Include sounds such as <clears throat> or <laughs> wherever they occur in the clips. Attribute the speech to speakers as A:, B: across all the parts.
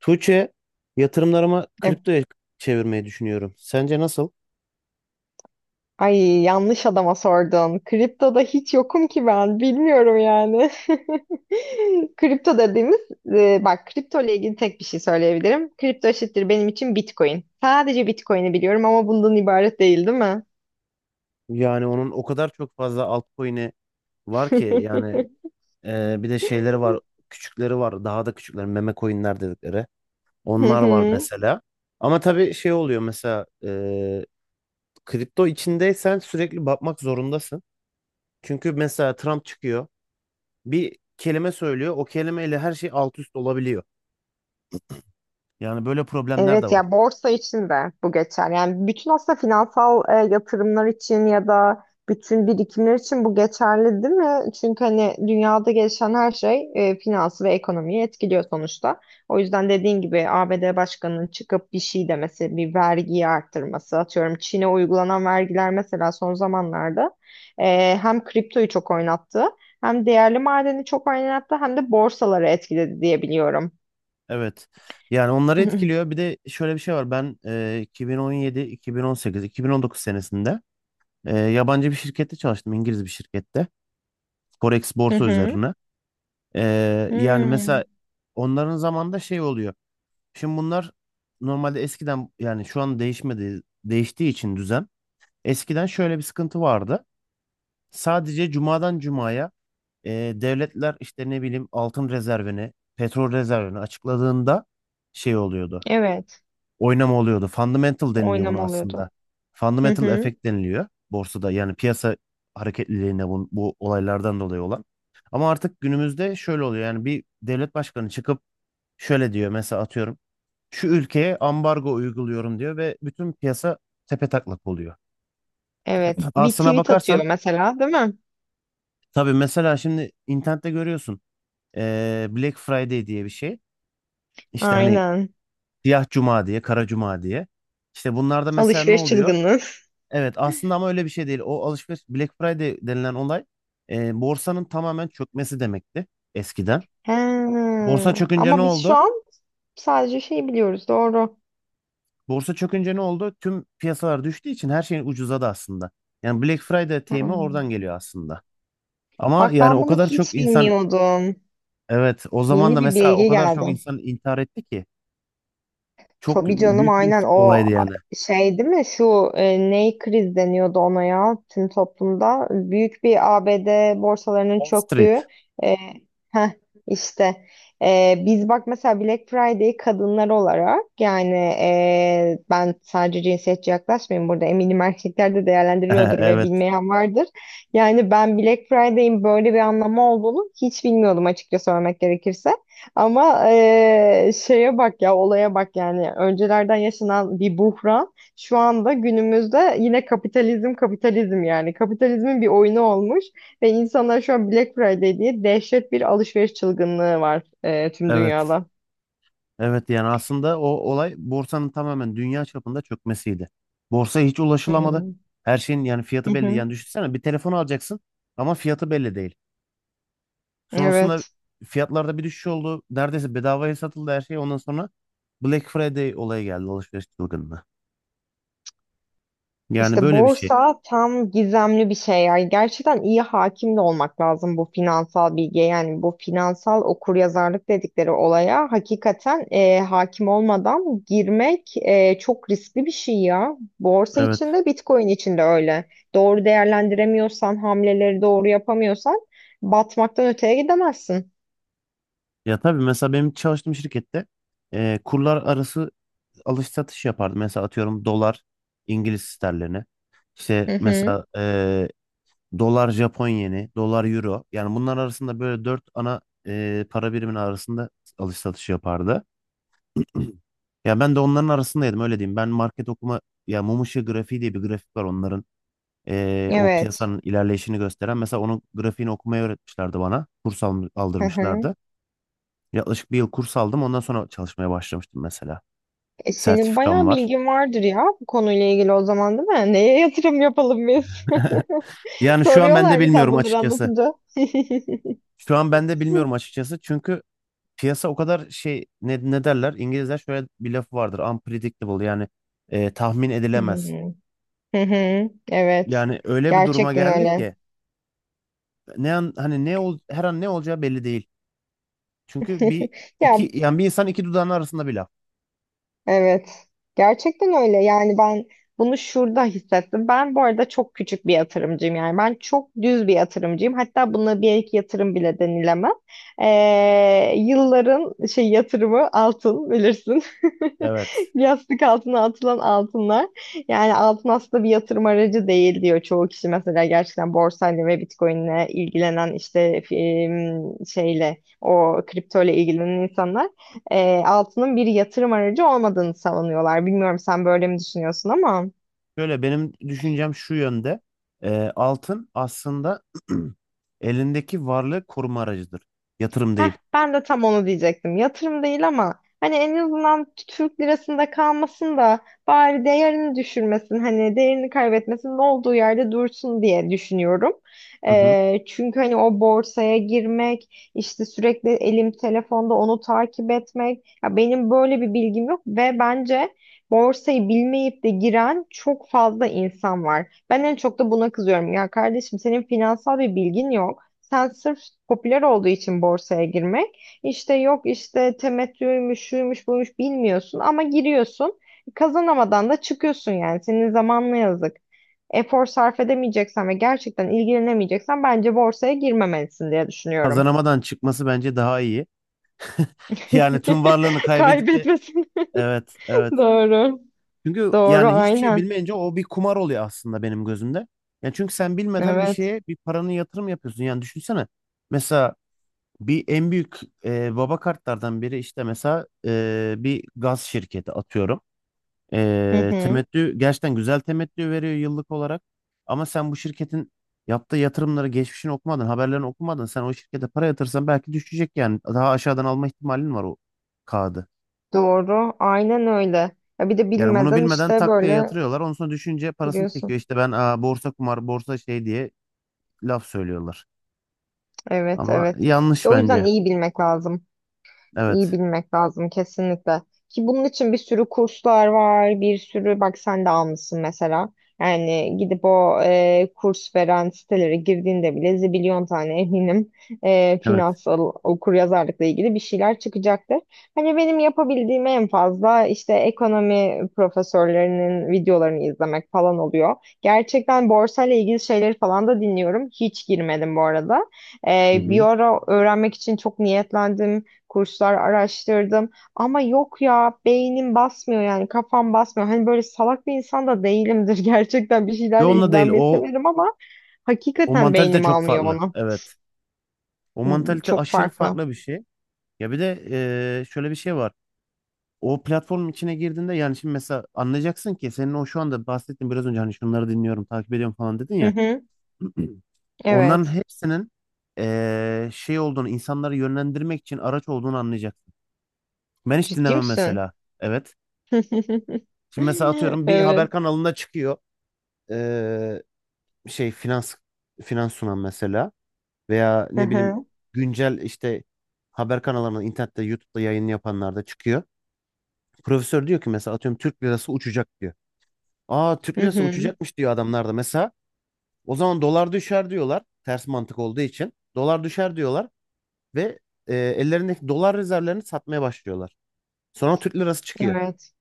A: Tuğçe, yatırımlarımı
B: E,
A: kriptoya çevirmeyi düşünüyorum. Sence nasıl?
B: ay yanlış adama sordun. Kriptoda hiç yokum ki ben. Bilmiyorum yani. <laughs> Kripto dediğimiz e, bak Kripto ile ilgili tek bir şey söyleyebilirim. Kripto eşittir benim için Bitcoin. Sadece Bitcoin'i biliyorum ama bundan ibaret değil, değil mi?
A: Yani onun o kadar çok fazla altcoin'i var ki yani, bir de şeyleri var, küçükleri var, daha da küçükleri meme coin'ler dedikleri. Onlar var
B: <laughs>
A: mesela. Ama tabii şey oluyor mesela, kripto içindeysen sürekli bakmak zorundasın. Çünkü mesela Trump çıkıyor, bir kelime söylüyor, o kelimeyle her şey alt üst olabiliyor. Yani böyle problemler de
B: Evet
A: var.
B: ya, borsa için de bu geçer. Yani bütün aslında finansal yatırımlar için ya da bütün birikimler için bu geçerli değil mi? Çünkü hani dünyada gelişen her şey finansı ve ekonomiyi etkiliyor sonuçta. O yüzden dediğin gibi ABD Başkanı'nın çıkıp bir şey demesi, bir vergiyi arttırması, atıyorum Çin'e uygulanan vergiler mesela son zamanlarda hem kriptoyu çok oynattı, hem değerli madeni çok oynattı, hem de borsaları etkiledi diye biliyorum.
A: Evet. Yani onları
B: <laughs>
A: etkiliyor. Bir de şöyle bir şey var. Ben 2017, 2018, 2019 senesinde yabancı bir şirkette çalıştım. İngiliz bir şirkette. Forex
B: Hı
A: borsa
B: hı.
A: üzerine. Yani
B: Hmm.
A: mesela onların zamanında şey oluyor. Şimdi bunlar normalde eskiden yani şu an değişmedi, değiştiği için düzen. Eskiden şöyle bir sıkıntı vardı. Sadece cumadan cumaya devletler işte ne bileyim altın rezervini, petrol rezervini açıkladığında şey oluyordu.
B: Evet.
A: Oynama oluyordu. Fundamental deniliyor buna
B: Oynama oluyordu.
A: aslında.
B: Hı
A: Fundamental
B: hı.
A: effect deniliyor borsada. Yani piyasa hareketliliğine bu olaylardan dolayı olan. Ama artık günümüzde şöyle oluyor. Yani bir devlet başkanı çıkıp şöyle diyor mesela, atıyorum. Şu ülkeye ambargo uyguluyorum diyor ve bütün piyasa tepetaklak oluyor.
B: Evet. Bir
A: Aslına
B: tweet
A: bakarsan
B: atıyor mesela, değil mi?
A: tabii mesela şimdi internette görüyorsun. Black Friday diye bir şey. İşte hani
B: Aynen.
A: Siyah Cuma diye, Kara Cuma diye. İşte bunlarda mesela ne
B: Alışveriş
A: oluyor?
B: çılgınlığı. <laughs>
A: Evet, aslında ama öyle bir şey değil. O alışveriş Black Friday denilen olay, borsanın tamamen çökmesi demekti eskiden.
B: He.
A: Borsa çökünce ne
B: Ama biz şu
A: oldu?
B: an sadece şey biliyoruz. Doğru.
A: Borsa çökünce ne oldu? Tüm piyasalar düştüğü için her şeyin ucuzadı aslında. Yani Black Friday deyimi
B: Hmm.
A: oradan geliyor aslında. Ama
B: Bak
A: yani
B: ben
A: o
B: bunu
A: kadar çok
B: hiç
A: insan,
B: bilmiyordum.
A: evet, o zaman da
B: Yeni bir
A: mesela o
B: bilgi
A: kadar çok
B: geldi.
A: insan intihar etti ki, çok
B: Tabii canım,
A: büyük bir
B: aynen o
A: olaydı yani.
B: şey değil mi şu ney kriz deniyordu ona ya, tüm toplumda büyük bir ABD borsalarının
A: Wall
B: çöktüğü
A: Street.
B: e, heh, işte Biz bak mesela Black Friday kadınlar olarak yani, ben sadece cinsiyetçi yaklaşmayayım burada, eminim erkekler de değerlendiriyordur ve
A: <laughs> Evet,
B: bilmeyen vardır. Yani ben Black Friday'in böyle bir anlamı olduğunu hiç bilmiyordum, açıkça söylemek gerekirse. Ama şeye bak ya, olaya bak, yani öncelerden yaşanan bir buhran şu anda günümüzde yine kapitalizm kapitalizm, yani kapitalizmin bir oyunu olmuş ve insanlar şu an Black Friday diye dehşet bir alışveriş çılgınlığı var tüm
A: evet.
B: dünyada.
A: Evet, yani aslında o olay borsanın tamamen dünya çapında çökmesiydi. Borsaya hiç
B: Hı
A: ulaşılamadı.
B: hı.
A: Her şeyin yani
B: Hı
A: fiyatı belli.
B: hı.
A: Yani düşünsene, bir telefon alacaksın ama fiyatı belli değil. Sonrasında
B: Evet.
A: fiyatlarda bir düşüş oldu. Neredeyse bedavaya satıldı her şey. Ondan sonra Black Friday olayı geldi, alışveriş çılgınlığı. Yani
B: İşte
A: böyle bir şey.
B: borsa tam gizemli bir şey ya. Gerçekten iyi hakim de olmak lazım bu finansal bilgiye. Yani bu finansal okuryazarlık dedikleri olaya hakikaten hakim olmadan girmek, çok riskli bir şey ya. Borsa
A: Evet.
B: içinde, Bitcoin içinde öyle. Doğru değerlendiremiyorsan, hamleleri doğru yapamıyorsan batmaktan öteye gidemezsin.
A: Ya tabii mesela benim çalıştığım şirkette kurlar arası alış satış yapardı. Mesela atıyorum, dolar İngiliz sterlini. İşte
B: Hı hı.
A: mesela dolar Japon yeni, dolar euro. Yani bunlar arasında böyle dört ana para birimin arasında alış satış yapardı. <clears throat> Ya ben de onların arasındaydım, öyle diyeyım. Ben market okuma, ya mum ışığı grafiği diye bir grafik var onların. O
B: Evet.
A: piyasanın ilerleyişini gösteren. Mesela onun grafiğini okumayı öğretmişlerdi bana. Kurs
B: Hı hı.
A: aldırmışlardı. Yaklaşık bir yıl kurs aldım. Ondan sonra çalışmaya başlamıştım mesela.
B: E, senin
A: Sertifikam
B: bayağı
A: var.
B: bilgin vardır ya bu konuyla ilgili o zaman, değil mi? Neye yatırım yapalım biz? <laughs>
A: <laughs> Yani şu an ben de
B: Soruyorlar mı sen
A: bilmiyorum
B: bunları
A: açıkçası.
B: anlatınca? <laughs> Hı
A: Şu an ben de bilmiyorum açıkçası. Çünkü piyasa o kadar şey, ne derler? İngilizler şöyle bir lafı vardır. Unpredictable, yani tahmin
B: hı.
A: edilemez.
B: Hı hı. Evet.
A: Yani öyle bir duruma
B: Gerçekten
A: geldik
B: öyle.
A: ki ne an, hani her an ne olacağı belli değil. Çünkü
B: <laughs>
A: bir
B: Ya,
A: iki yani bir insan, iki dudağının arasında bir laf.
B: evet. Gerçekten öyle. Yani ben bunu şurada hissettim. Ben bu arada çok küçük bir yatırımcıyım. Yani ben çok düz bir yatırımcıyım. Hatta buna bir iki yatırım bile denilemez. Yılların şey yatırımı altın, bilirsin. <laughs>
A: Evet.
B: Yastık altına atılan altınlar. Yani altın aslında bir yatırım aracı değil diyor çoğu kişi. Mesela gerçekten borsayla ve Bitcoin'le ilgilenen işte şeyle o kripto ile ilgilenen insanlar, altının bir yatırım aracı olmadığını savunuyorlar. Bilmiyorum sen böyle mi düşünüyorsun ama.
A: Şöyle, benim düşüncem şu yönde. E, Altın aslında <clears throat> elindeki varlığı koruma aracıdır. Yatırım
B: Heh,
A: değil.
B: ben de tam onu diyecektim. Yatırım değil ama hani en azından Türk lirasında kalmasın da bari değerini düşürmesin, hani değerini kaybetmesin, olduğu yerde dursun diye düşünüyorum.
A: Hı hı.
B: Çünkü hani o borsaya girmek, işte sürekli elim telefonda onu takip etmek, ya benim böyle bir bilgim yok ve bence borsayı bilmeyip de giren çok fazla insan var. Ben en çok da buna kızıyorum. Ya kardeşim, senin finansal bir bilgin yok. Sen sırf popüler olduğu için borsaya girmek, işte yok işte temettüymüş, şuymuş, buymuş, bilmiyorsun ama giriyorsun. Kazanamadan da çıkıyorsun yani. Senin zamanına yazık. Efor sarf edemeyeceksen ve gerçekten ilgilenemeyeceksen bence borsaya girmemelisin diye düşünüyorum.
A: Kazanamadan çıkması bence daha iyi. Yani tüm varlığını
B: <laughs>
A: kaybedip de,
B: Kaybetmesin.
A: evet, evet.
B: <laughs> Doğru.
A: Çünkü
B: Doğru,
A: yani hiçbir şey
B: aynen.
A: bilmeyince o bir kumar oluyor aslında benim gözümde. Yani çünkü sen bilmeden bir
B: Evet.
A: şeye bir paranı yatırım yapıyorsun. Yani düşünsene, mesela bir en büyük baba kartlardan biri işte mesela, bir gaz şirketi atıyorum.
B: Hı hı.
A: Temettü gerçekten güzel temettü veriyor yıllık olarak. Ama sen bu şirketin yaptığı yatırımları, geçmişini okumadın, haberlerini okumadın. Sen o şirkete para yatırsan belki düşecek yani. Daha aşağıdan alma ihtimalin var o kağıdı.
B: Doğru, aynen öyle. Ya bir de
A: Yani bunu
B: bilmeden
A: bilmeden
B: işte
A: tak diye
B: böyle
A: yatırıyorlar. Ondan sonra düşünce parasını
B: giriyorsun.
A: çekiyor. İşte ben, borsa kumar, borsa şey diye laf söylüyorlar.
B: Evet,
A: Ama
B: evet. İşte
A: yanlış
B: o yüzden
A: bence.
B: iyi bilmek lazım. İyi
A: Evet.
B: bilmek lazım kesinlikle. Ki bunun için bir sürü kurslar var, bir sürü, bak sen de almışsın mesela. Yani gidip o kurs veren sitelere girdiğinde bile zibilyon tane eminim
A: Evet.
B: finansal okuryazarlıkla ilgili bir şeyler çıkacaktır. Hani benim yapabildiğim en fazla işte ekonomi profesörlerinin videolarını izlemek falan oluyor. Gerçekten borsayla ilgili şeyleri falan da dinliyorum. Hiç girmedim bu arada.
A: Hı
B: E, bir
A: hı.
B: ara öğrenmek için çok niyetlendim, kurslar araştırdım ama yok ya, beynim basmıyor yani kafam basmıyor. Hani böyle salak bir insan da değilimdir <laughs> gerçekten bir
A: Yo,
B: şeylerle
A: onunla değil.
B: ilgilenmeyi
A: O
B: severim ama
A: o
B: hakikaten
A: mantalite
B: beynim
A: çok
B: almıyor
A: farklı.
B: onu.
A: Evet. O
B: Hmm.
A: mantalite
B: Çok
A: aşırı
B: farklı.
A: farklı bir şey. Ya bir de şöyle bir şey var. O platformun içine girdiğinde, yani şimdi mesela anlayacaksın ki senin o şu anda bahsettiğin, biraz önce hani şunları dinliyorum, takip ediyorum falan dedin
B: Hı
A: ya.
B: hı,
A: <clears throat> Onların
B: evet.
A: hepsinin şey olduğunu, insanları yönlendirmek için araç olduğunu anlayacak. Ben hiç
B: Ciddi
A: dinlemem
B: misin?
A: mesela. Evet.
B: <laughs>
A: Şimdi mesela atıyorum, bir haber
B: Evet.
A: kanalında çıkıyor. Ee, Şey, finans sunan mesela veya
B: Hı
A: ne bileyim
B: hı.
A: güncel işte haber kanallarında, internette, YouTube'da yayın yapanlar da çıkıyor. Profesör diyor ki mesela, atıyorum Türk lirası uçacak diyor. Türk
B: Hı
A: lirası
B: hı.
A: uçacakmış diyor adamlar da mesela. O zaman dolar düşer diyorlar. Ters mantık olduğu için. Dolar düşer diyorlar ve ellerindeki dolar rezervlerini satmaya başlıyorlar. Sonra Türk lirası çıkıyor.
B: Evet.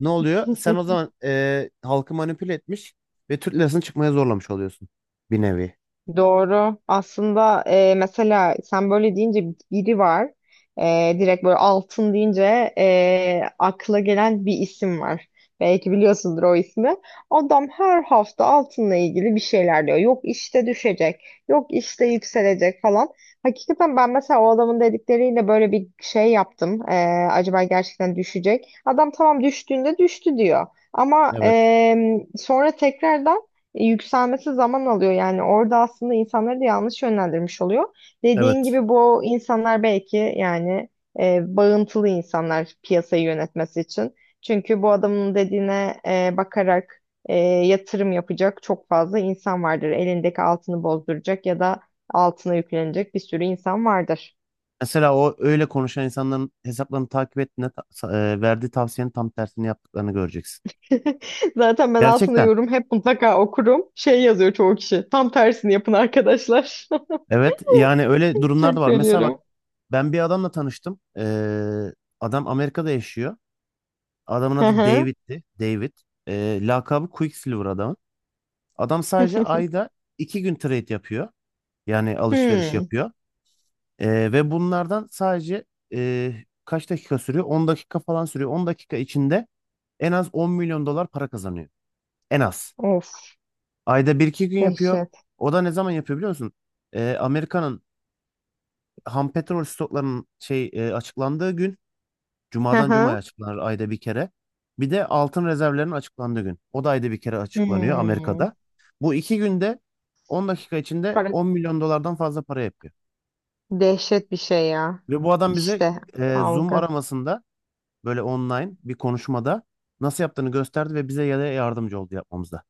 A: Ne oluyor? Sen
B: <laughs>
A: o zaman halkı manipüle etmiş ve Türk lirasını çıkmaya zorlamış oluyorsun bir nevi.
B: Doğru. Aslında mesela sen böyle deyince biri var. Direkt böyle altın deyince, akla gelen bir isim var. Belki biliyorsundur o ismi. Adam her hafta altınla ilgili bir şeyler diyor. Yok işte düşecek, yok işte yükselecek falan. Hakikaten ben mesela o adamın dedikleriyle böyle bir şey yaptım. E, acaba gerçekten düşecek? Adam tamam, düştüğünde düştü diyor. Ama
A: Evet.
B: e, sonra tekrardan yükselmesi zaman alıyor, yani orada aslında insanları da yanlış yönlendirmiş oluyor. Dediğin
A: Evet.
B: gibi bu insanlar belki yani, bağıntılı insanlar piyasayı yönetmesi için. Çünkü bu adamın dediğine bakarak yatırım yapacak çok fazla insan vardır. Elindeki altını bozduracak ya da altına yüklenecek bir sürü insan vardır.
A: Mesela o öyle konuşan insanların hesaplarını takip ettiğinde, verdiği tavsiyenin tam tersini yaptıklarını göreceksin.
B: <laughs> Zaten ben altında
A: Gerçekten.
B: yorum hep mutlaka okurum. Şey yazıyor çoğu kişi: tam tersini yapın arkadaşlar.
A: Evet, yani öyle
B: <laughs>
A: durumlar da
B: Çok
A: var. Mesela bak,
B: görüyorum.
A: ben bir adamla tanıştım. Adam Amerika'da yaşıyor. Adamın
B: Hı
A: adı
B: hı.
A: David'ti. David. Lakabı Quicksilver adamın. Adam sadece ayda 2 gün trade yapıyor. Yani alışveriş
B: Hmm.
A: yapıyor. Ve bunlardan sadece, e, kaç dakika sürüyor? 10 dakika falan sürüyor. 10 dakika içinde en az 10 milyon dolar para kazanıyor. En az.
B: Of,
A: Ayda bir iki gün yapıyor.
B: dehşet.
A: O da ne zaman yapıyor biliyor musun? Amerika'nın ham petrol stoklarının açıklandığı gün.
B: Hı
A: Cuma'dan Cuma'ya
B: hı.
A: açıklanır ayda bir kere. Bir de altın rezervlerinin açıklandığı gün. O da ayda bir kere açıklanıyor
B: Hmm.
A: Amerika'da. Bu 2 günde 10 dakika içinde
B: Para...
A: 10 milyon dolardan fazla para yapıyor.
B: Dehşet bir şey ya.
A: Ve bu adam bize
B: İşte
A: Zoom
B: algı.
A: aramasında, böyle online bir konuşmada nasıl yaptığını gösterdi ve bize ya da yardımcı oldu yapmamızda.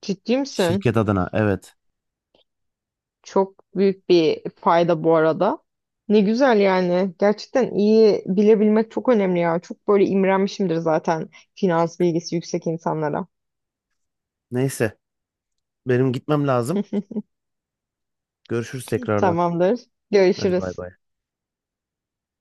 B: Ciddi misin?
A: Şirket adına, evet.
B: Çok büyük bir fayda bu arada. Ne güzel yani. Gerçekten iyi bilebilmek çok önemli ya. Çok böyle imrenmişimdir zaten finans bilgisi yüksek insanlara.
A: Neyse, benim gitmem lazım. Görüşürüz tekrardan.
B: Tamamdır.
A: Hadi bay
B: Görüşürüz.
A: bay.